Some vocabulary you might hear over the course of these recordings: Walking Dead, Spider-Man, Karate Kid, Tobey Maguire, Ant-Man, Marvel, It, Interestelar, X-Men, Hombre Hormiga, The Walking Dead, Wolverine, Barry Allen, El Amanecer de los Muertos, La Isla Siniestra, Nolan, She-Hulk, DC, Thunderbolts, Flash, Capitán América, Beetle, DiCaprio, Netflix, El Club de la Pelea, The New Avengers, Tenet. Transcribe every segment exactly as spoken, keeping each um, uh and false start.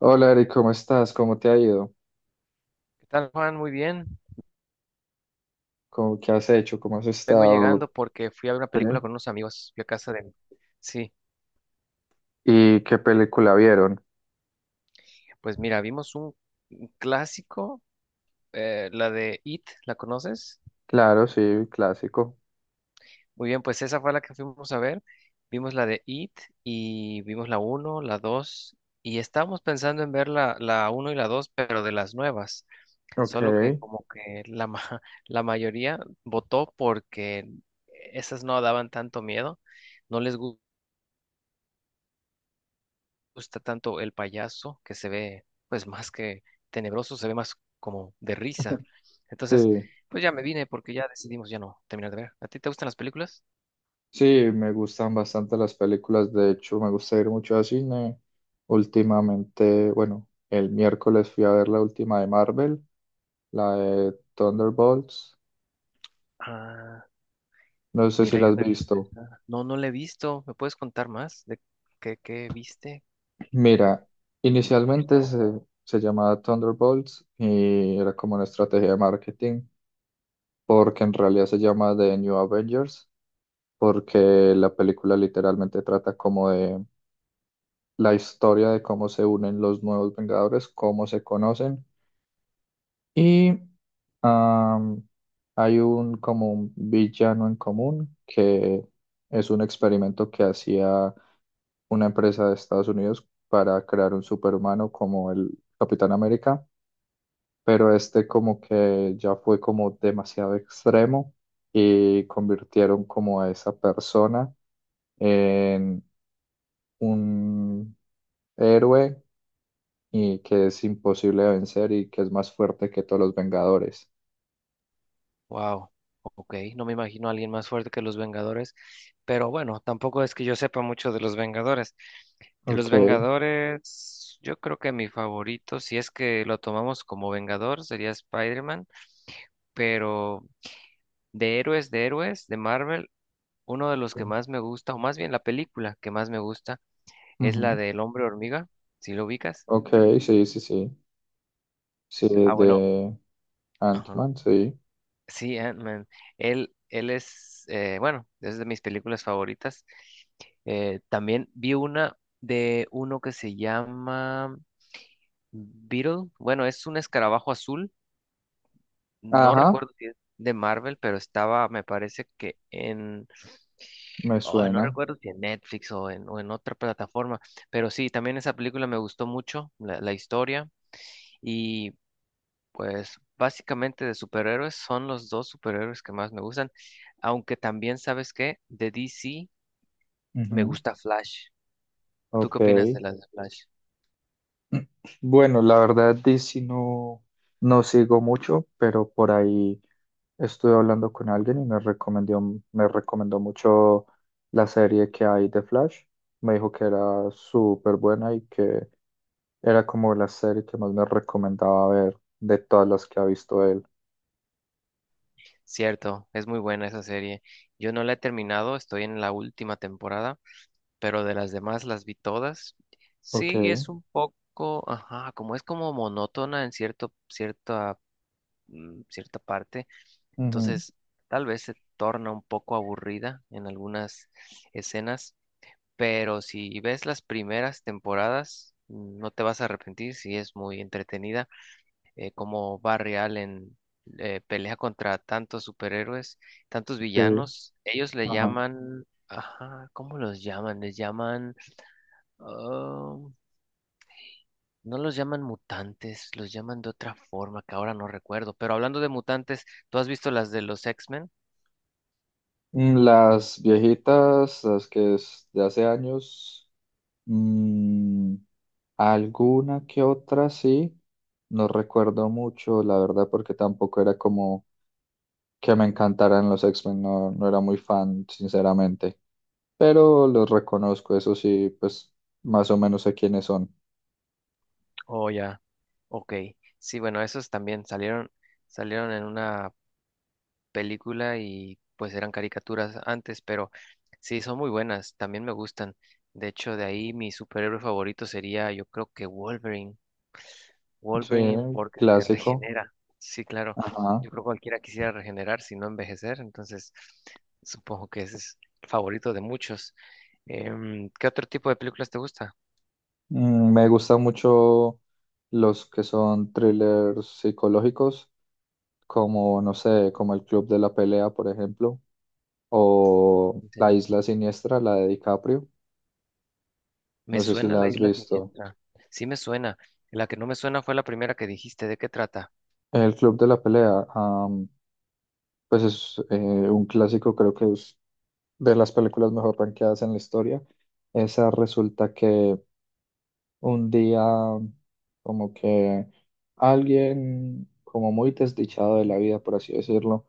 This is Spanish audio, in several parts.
Hola Eric, ¿cómo estás? ¿Cómo te ha ido? ¿Qué tal, Juan? Muy bien. ¿Cómo, qué has hecho? ¿Cómo has Vengo estado? llegando porque fui a ver una Sí. película con unos amigos. Fui a casa de... Sí, ¿Y qué película vieron? pues mira, vimos un un clásico, eh, la de It, ¿la conoces? Claro, sí, clásico. Muy bien, pues esa fue la que fuimos a ver. Vimos la de It y vimos la uno, la dos y estábamos pensando en ver la, la uno y la dos, pero de las nuevas. Ok. Solo que como que la, ma- la mayoría votó porque esas no daban tanto miedo. No les gustó gusta tanto el payaso, que se ve, pues más que tenebroso, se ve más como de risa. Entonces, Sí, pues ya me vine porque ya decidimos ya no terminar de ver. ¿A ti te gustan las películas? sí, me gustan bastante las películas. De hecho, me gusta ir mucho al cine. Últimamente, bueno, el miércoles fui a ver la última de Marvel, la de Thunderbolts. Ah, No sé si mira, la yo has no he visto visto. esa. No, no la he visto. ¿Me puedes contar más de qué, qué viste? Mira, inicialmente se, se llamaba Thunderbolts y era como una estrategia de marketing porque en realidad se llama The New Avengers, porque la película literalmente trata como de la historia de cómo se unen los nuevos Vengadores, cómo se conocen y am, hay un como un villano en común que es un experimento que hacía una empresa de Estados Unidos para crear un superhumano como el Capitán América, pero este como que ya fue como demasiado extremo y convirtieron como a esa persona en un héroe y que es imposible de vencer y que es más fuerte que todos los Vengadores. Wow, ok, no me imagino a alguien más fuerte que los Vengadores, pero bueno, tampoco es que yo sepa mucho de los Vengadores. De Ok. los Sí. Vengadores, yo creo que mi favorito, si es que lo tomamos como Vengador, sería Spider-Man, pero de héroes, de héroes, de Marvel, uno de los que más me gusta, o más bien la película que más me gusta, es la Ujú. del Hombre Hormiga, si lo ubicas. Ok, sí, sí, sí. Sí, Ah, bueno, de ajá. Ant-Man, sí. Sí, Ant-Man. Él, él es, eh, bueno, es de mis películas favoritas. Eh, también vi una de uno que se llama Beetle. Bueno, es un escarabajo azul. No Ajá, recuerdo si es de Marvel, pero estaba, me parece que en... me Oh, no suena. recuerdo si en Netflix o en, o en otra plataforma. Pero sí, también esa película me gustó mucho, la, la historia. Y pues básicamente de superhéroes son los dos superhéroes que más me gustan, aunque también sabes que de D C me Ujú. gusta Flash. ¿Tú Ok. qué opinas de las de Flash? Bueno, la verdad, D C no, no sigo mucho, pero por ahí estuve hablando con alguien y me recomendó, me recomendó mucho la serie que hay de Flash. Me dijo que era súper buena y que era como la serie que más me recomendaba ver de todas las que ha visto él. Cierto, es muy buena esa serie. Yo no la he terminado, estoy en la última temporada, pero de las demás las vi todas. Ok, Sí, es un poco, ajá, como es como monótona en cierto, cierta, mm, cierta parte, ujú, entonces tal vez se torna un poco aburrida en algunas escenas, pero si ves las primeras temporadas, no te vas a arrepentir si es muy entretenida, eh, como Barry Allen eh, pelea contra tantos superhéroes, tantos ok, villanos. Ellos le ajá. llaman, ajá, ¿cómo los llaman? Les llaman, ah, no los llaman mutantes, los llaman de otra forma que ahora no recuerdo. Pero hablando de mutantes, ¿tú has visto las de los X-Men? Mm, Las viejitas, las que es de hace años. mm, Alguna que otra sí, no recuerdo mucho, la verdad, porque tampoco era como que me encantaran los X-Men, no, no era muy fan, sinceramente, pero los reconozco, eso sí, pues más o menos sé quiénes son. Oh, ya, ok. Sí, bueno, esos también salieron, salieron en una película y pues eran caricaturas antes, pero sí, son muy buenas, también me gustan. De hecho, de ahí mi superhéroe favorito sería, yo creo que Wolverine. Sí, Wolverine porque se clásico, regenera. Sí, claro. ajá. Yo creo que cualquiera quisiera regenerar si no envejecer, entonces supongo que ese es el favorito de muchos. Em, ¿qué otro tipo de películas te gusta? Mm, me gustan mucho los que son thrillers psicológicos, como, no sé, como El Club de la Pelea, por ejemplo, o En La serio. Isla Siniestra, la de DiCaprio, Me no sé si suena la La has Isla visto. Siniestra. Sí me suena. La que no me suena fue la primera que dijiste. ¿De qué trata? El Club de la Pelea, am, pues es eh, un clásico, creo que es de las películas mejor rankeadas en la historia. Esa resulta que un día como que alguien como muy desdichado de la vida, por así decirlo,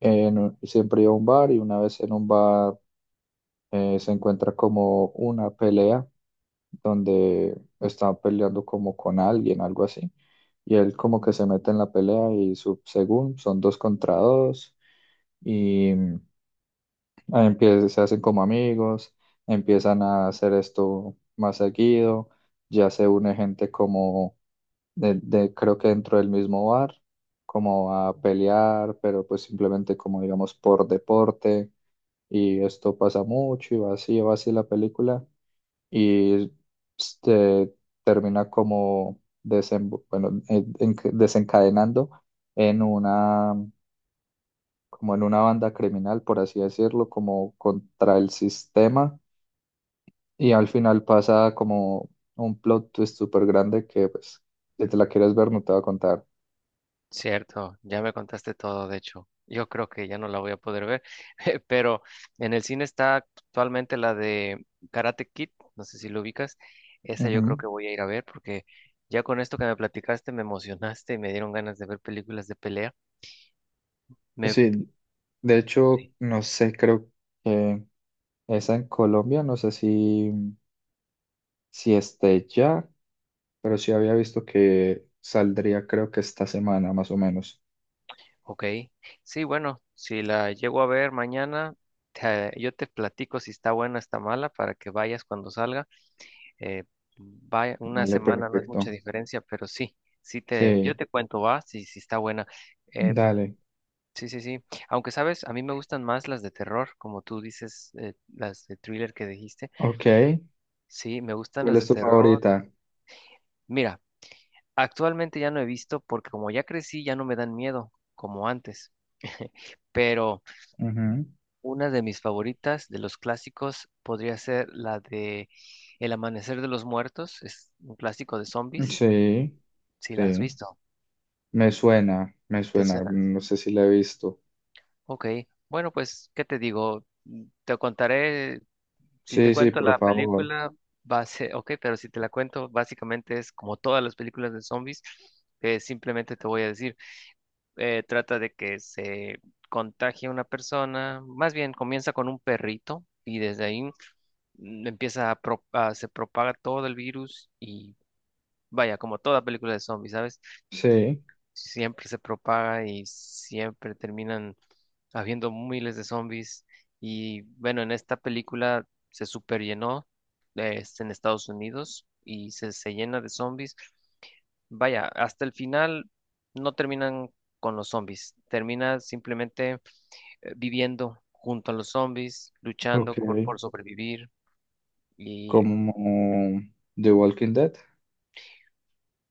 en- siempre iba a un bar y una vez en un bar eh, se encuentra como una pelea donde está peleando como con alguien, algo así. Y él como que se mete en la pelea y su, según son dos contra dos. Y empiezan, se hacen como amigos, empiezan a hacer esto más seguido, ya se une gente como de, de- creo que dentro del mismo bar, como a pelear, pero pues simplemente como digamos por deporte, y esto pasa mucho y va así, va así la película, y este, termina como desembo- bueno, en- en- desencadenando en una como en una banda criminal, por así decirlo, como contra el sistema, y al final pasa como un plot twist súper grande que, pues, si te la quieres ver, no te va a contar. Cierto, ya me contaste todo, de hecho. Yo creo que ya no la voy a poder ver, pero en el cine está actualmente la de Karate Kid, no sé si lo ubicas. Esa yo Ujú. creo que voy a ir a ver porque ya con esto que me platicaste me emocionaste y me dieron ganas de ver películas de pelea. Me, Sí, de hecho, sí, no sé, creo que esa en Colombia, no sé si, si esté ya, pero sí había visto que saldría, creo que esta semana, más o menos. ok, sí, bueno, si la llego a ver mañana, te- yo te platico si está buena, está mala, para que vayas cuando salga. Eh, Vaya, una Dale, semana no es mucha perfecto. diferencia, pero sí, sí te, Sí, yo te cuento, va, si, si está buena. Eh, dale. sí, sí, sí. Aunque sabes, a mí me gustan más las de terror, como tú dices, eh, las de thriller que dijiste. Ok. Sí, me gustan ¿Cuál las es de tu terror. favorita? Mira, actualmente ya no he visto porque como ya crecí, ya no me dan miedo como antes. Pero Ujú. una de mis favoritas de los clásicos podría ser la de El Amanecer de los Muertos, es un clásico de zombies, Sí, si la has sí, visto. me suena, me ¿Te suena, suena? no sé si la he visto. Ok. Bueno, pues, ¿qué te digo? Mm, Te contaré, si te Sí, sí, cuento por la favor. película, va a ser, ok, pero si te la cuento, básicamente es como todas las películas de zombies, que simplemente te voy a decir, eh, trata de que se contagie una persona, más bien comienza con un perrito y desde ahí mm, empieza a, pro- a- se propaga todo el virus y vaya, como toda película de zombies, ¿sabes? Sí, Siempre se propaga y siempre terminan habiendo miles de zombies. Y bueno, en esta película se superllenó, eh, es en Estados Unidos y se, se llena de zombies. Vaya, hasta el final no terminan con los zombies, termina simplemente eh, viviendo junto a los zombies, ok. luchando por, por sobrevivir. Y Como The Walking Dead.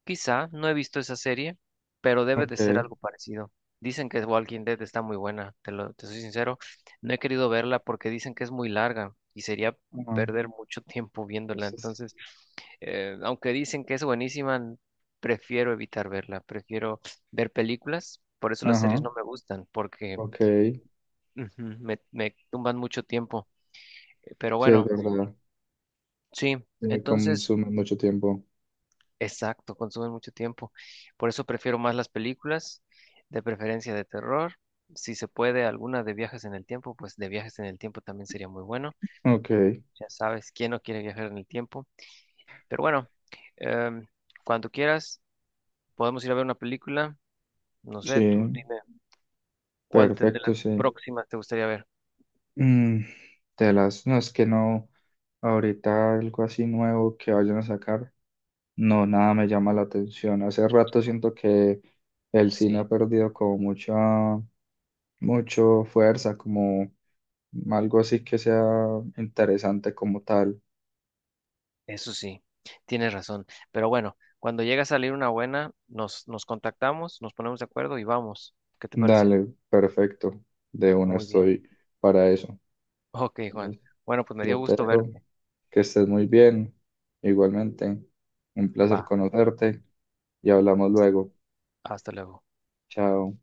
quizá, no he visto esa serie, pero debe de ser Ok. algo parecido. Dicen que Walking Dead está muy buena, te lo, te soy sincero. No he querido verla porque dicen que es muy larga y sería Ajá. perder mucho tiempo viéndola. Sí, sí. Entonces, eh, aunque dicen que es buenísima, n- prefiero evitar verla, prefiero ver películas. Por eso las series Ajá, no me gustan, porque ok. ujú, me, me tumban mucho tiempo. Eh, Pero Sí, es bueno, verdad. sí. Sí, Entonces, consume mucho tiempo. exacto, consumen mucho tiempo. Por eso prefiero más las películas, de preferencia de terror. Si se puede, alguna de viajes en el tiempo, pues de viajes en el tiempo también sería muy bueno. Ok, Ya sabes, ¿quién no quiere viajar en el tiempo? Pero bueno, em, cuando quieras, podemos ir a ver una película. No sé, tú sí, dime cuál te- de perfecto, las sí. próximas te gustaría ver. Mm, de las, no, es que no, ahorita algo así nuevo que vayan a sacar. No, nada me llama la atención. Hace rato siento que el cine ha Sí, perdido como mucha, mucho fuerza, como algo así que sea interesante como tal. eso sí, tienes razón. Pero bueno, cuando llegue a salir una buena, nos, nos contactamos, nos ponemos de acuerdo y vamos. ¿Qué te parece? Dale, perfecto. De una Muy bien. estoy para eso. Ok, Juan. Entonces, Bueno, pues me dio yo te gusto dejo verte. que estés muy bien. Igualmente, un Va, placer conocerte y hablamos luego. hasta luego. Chao.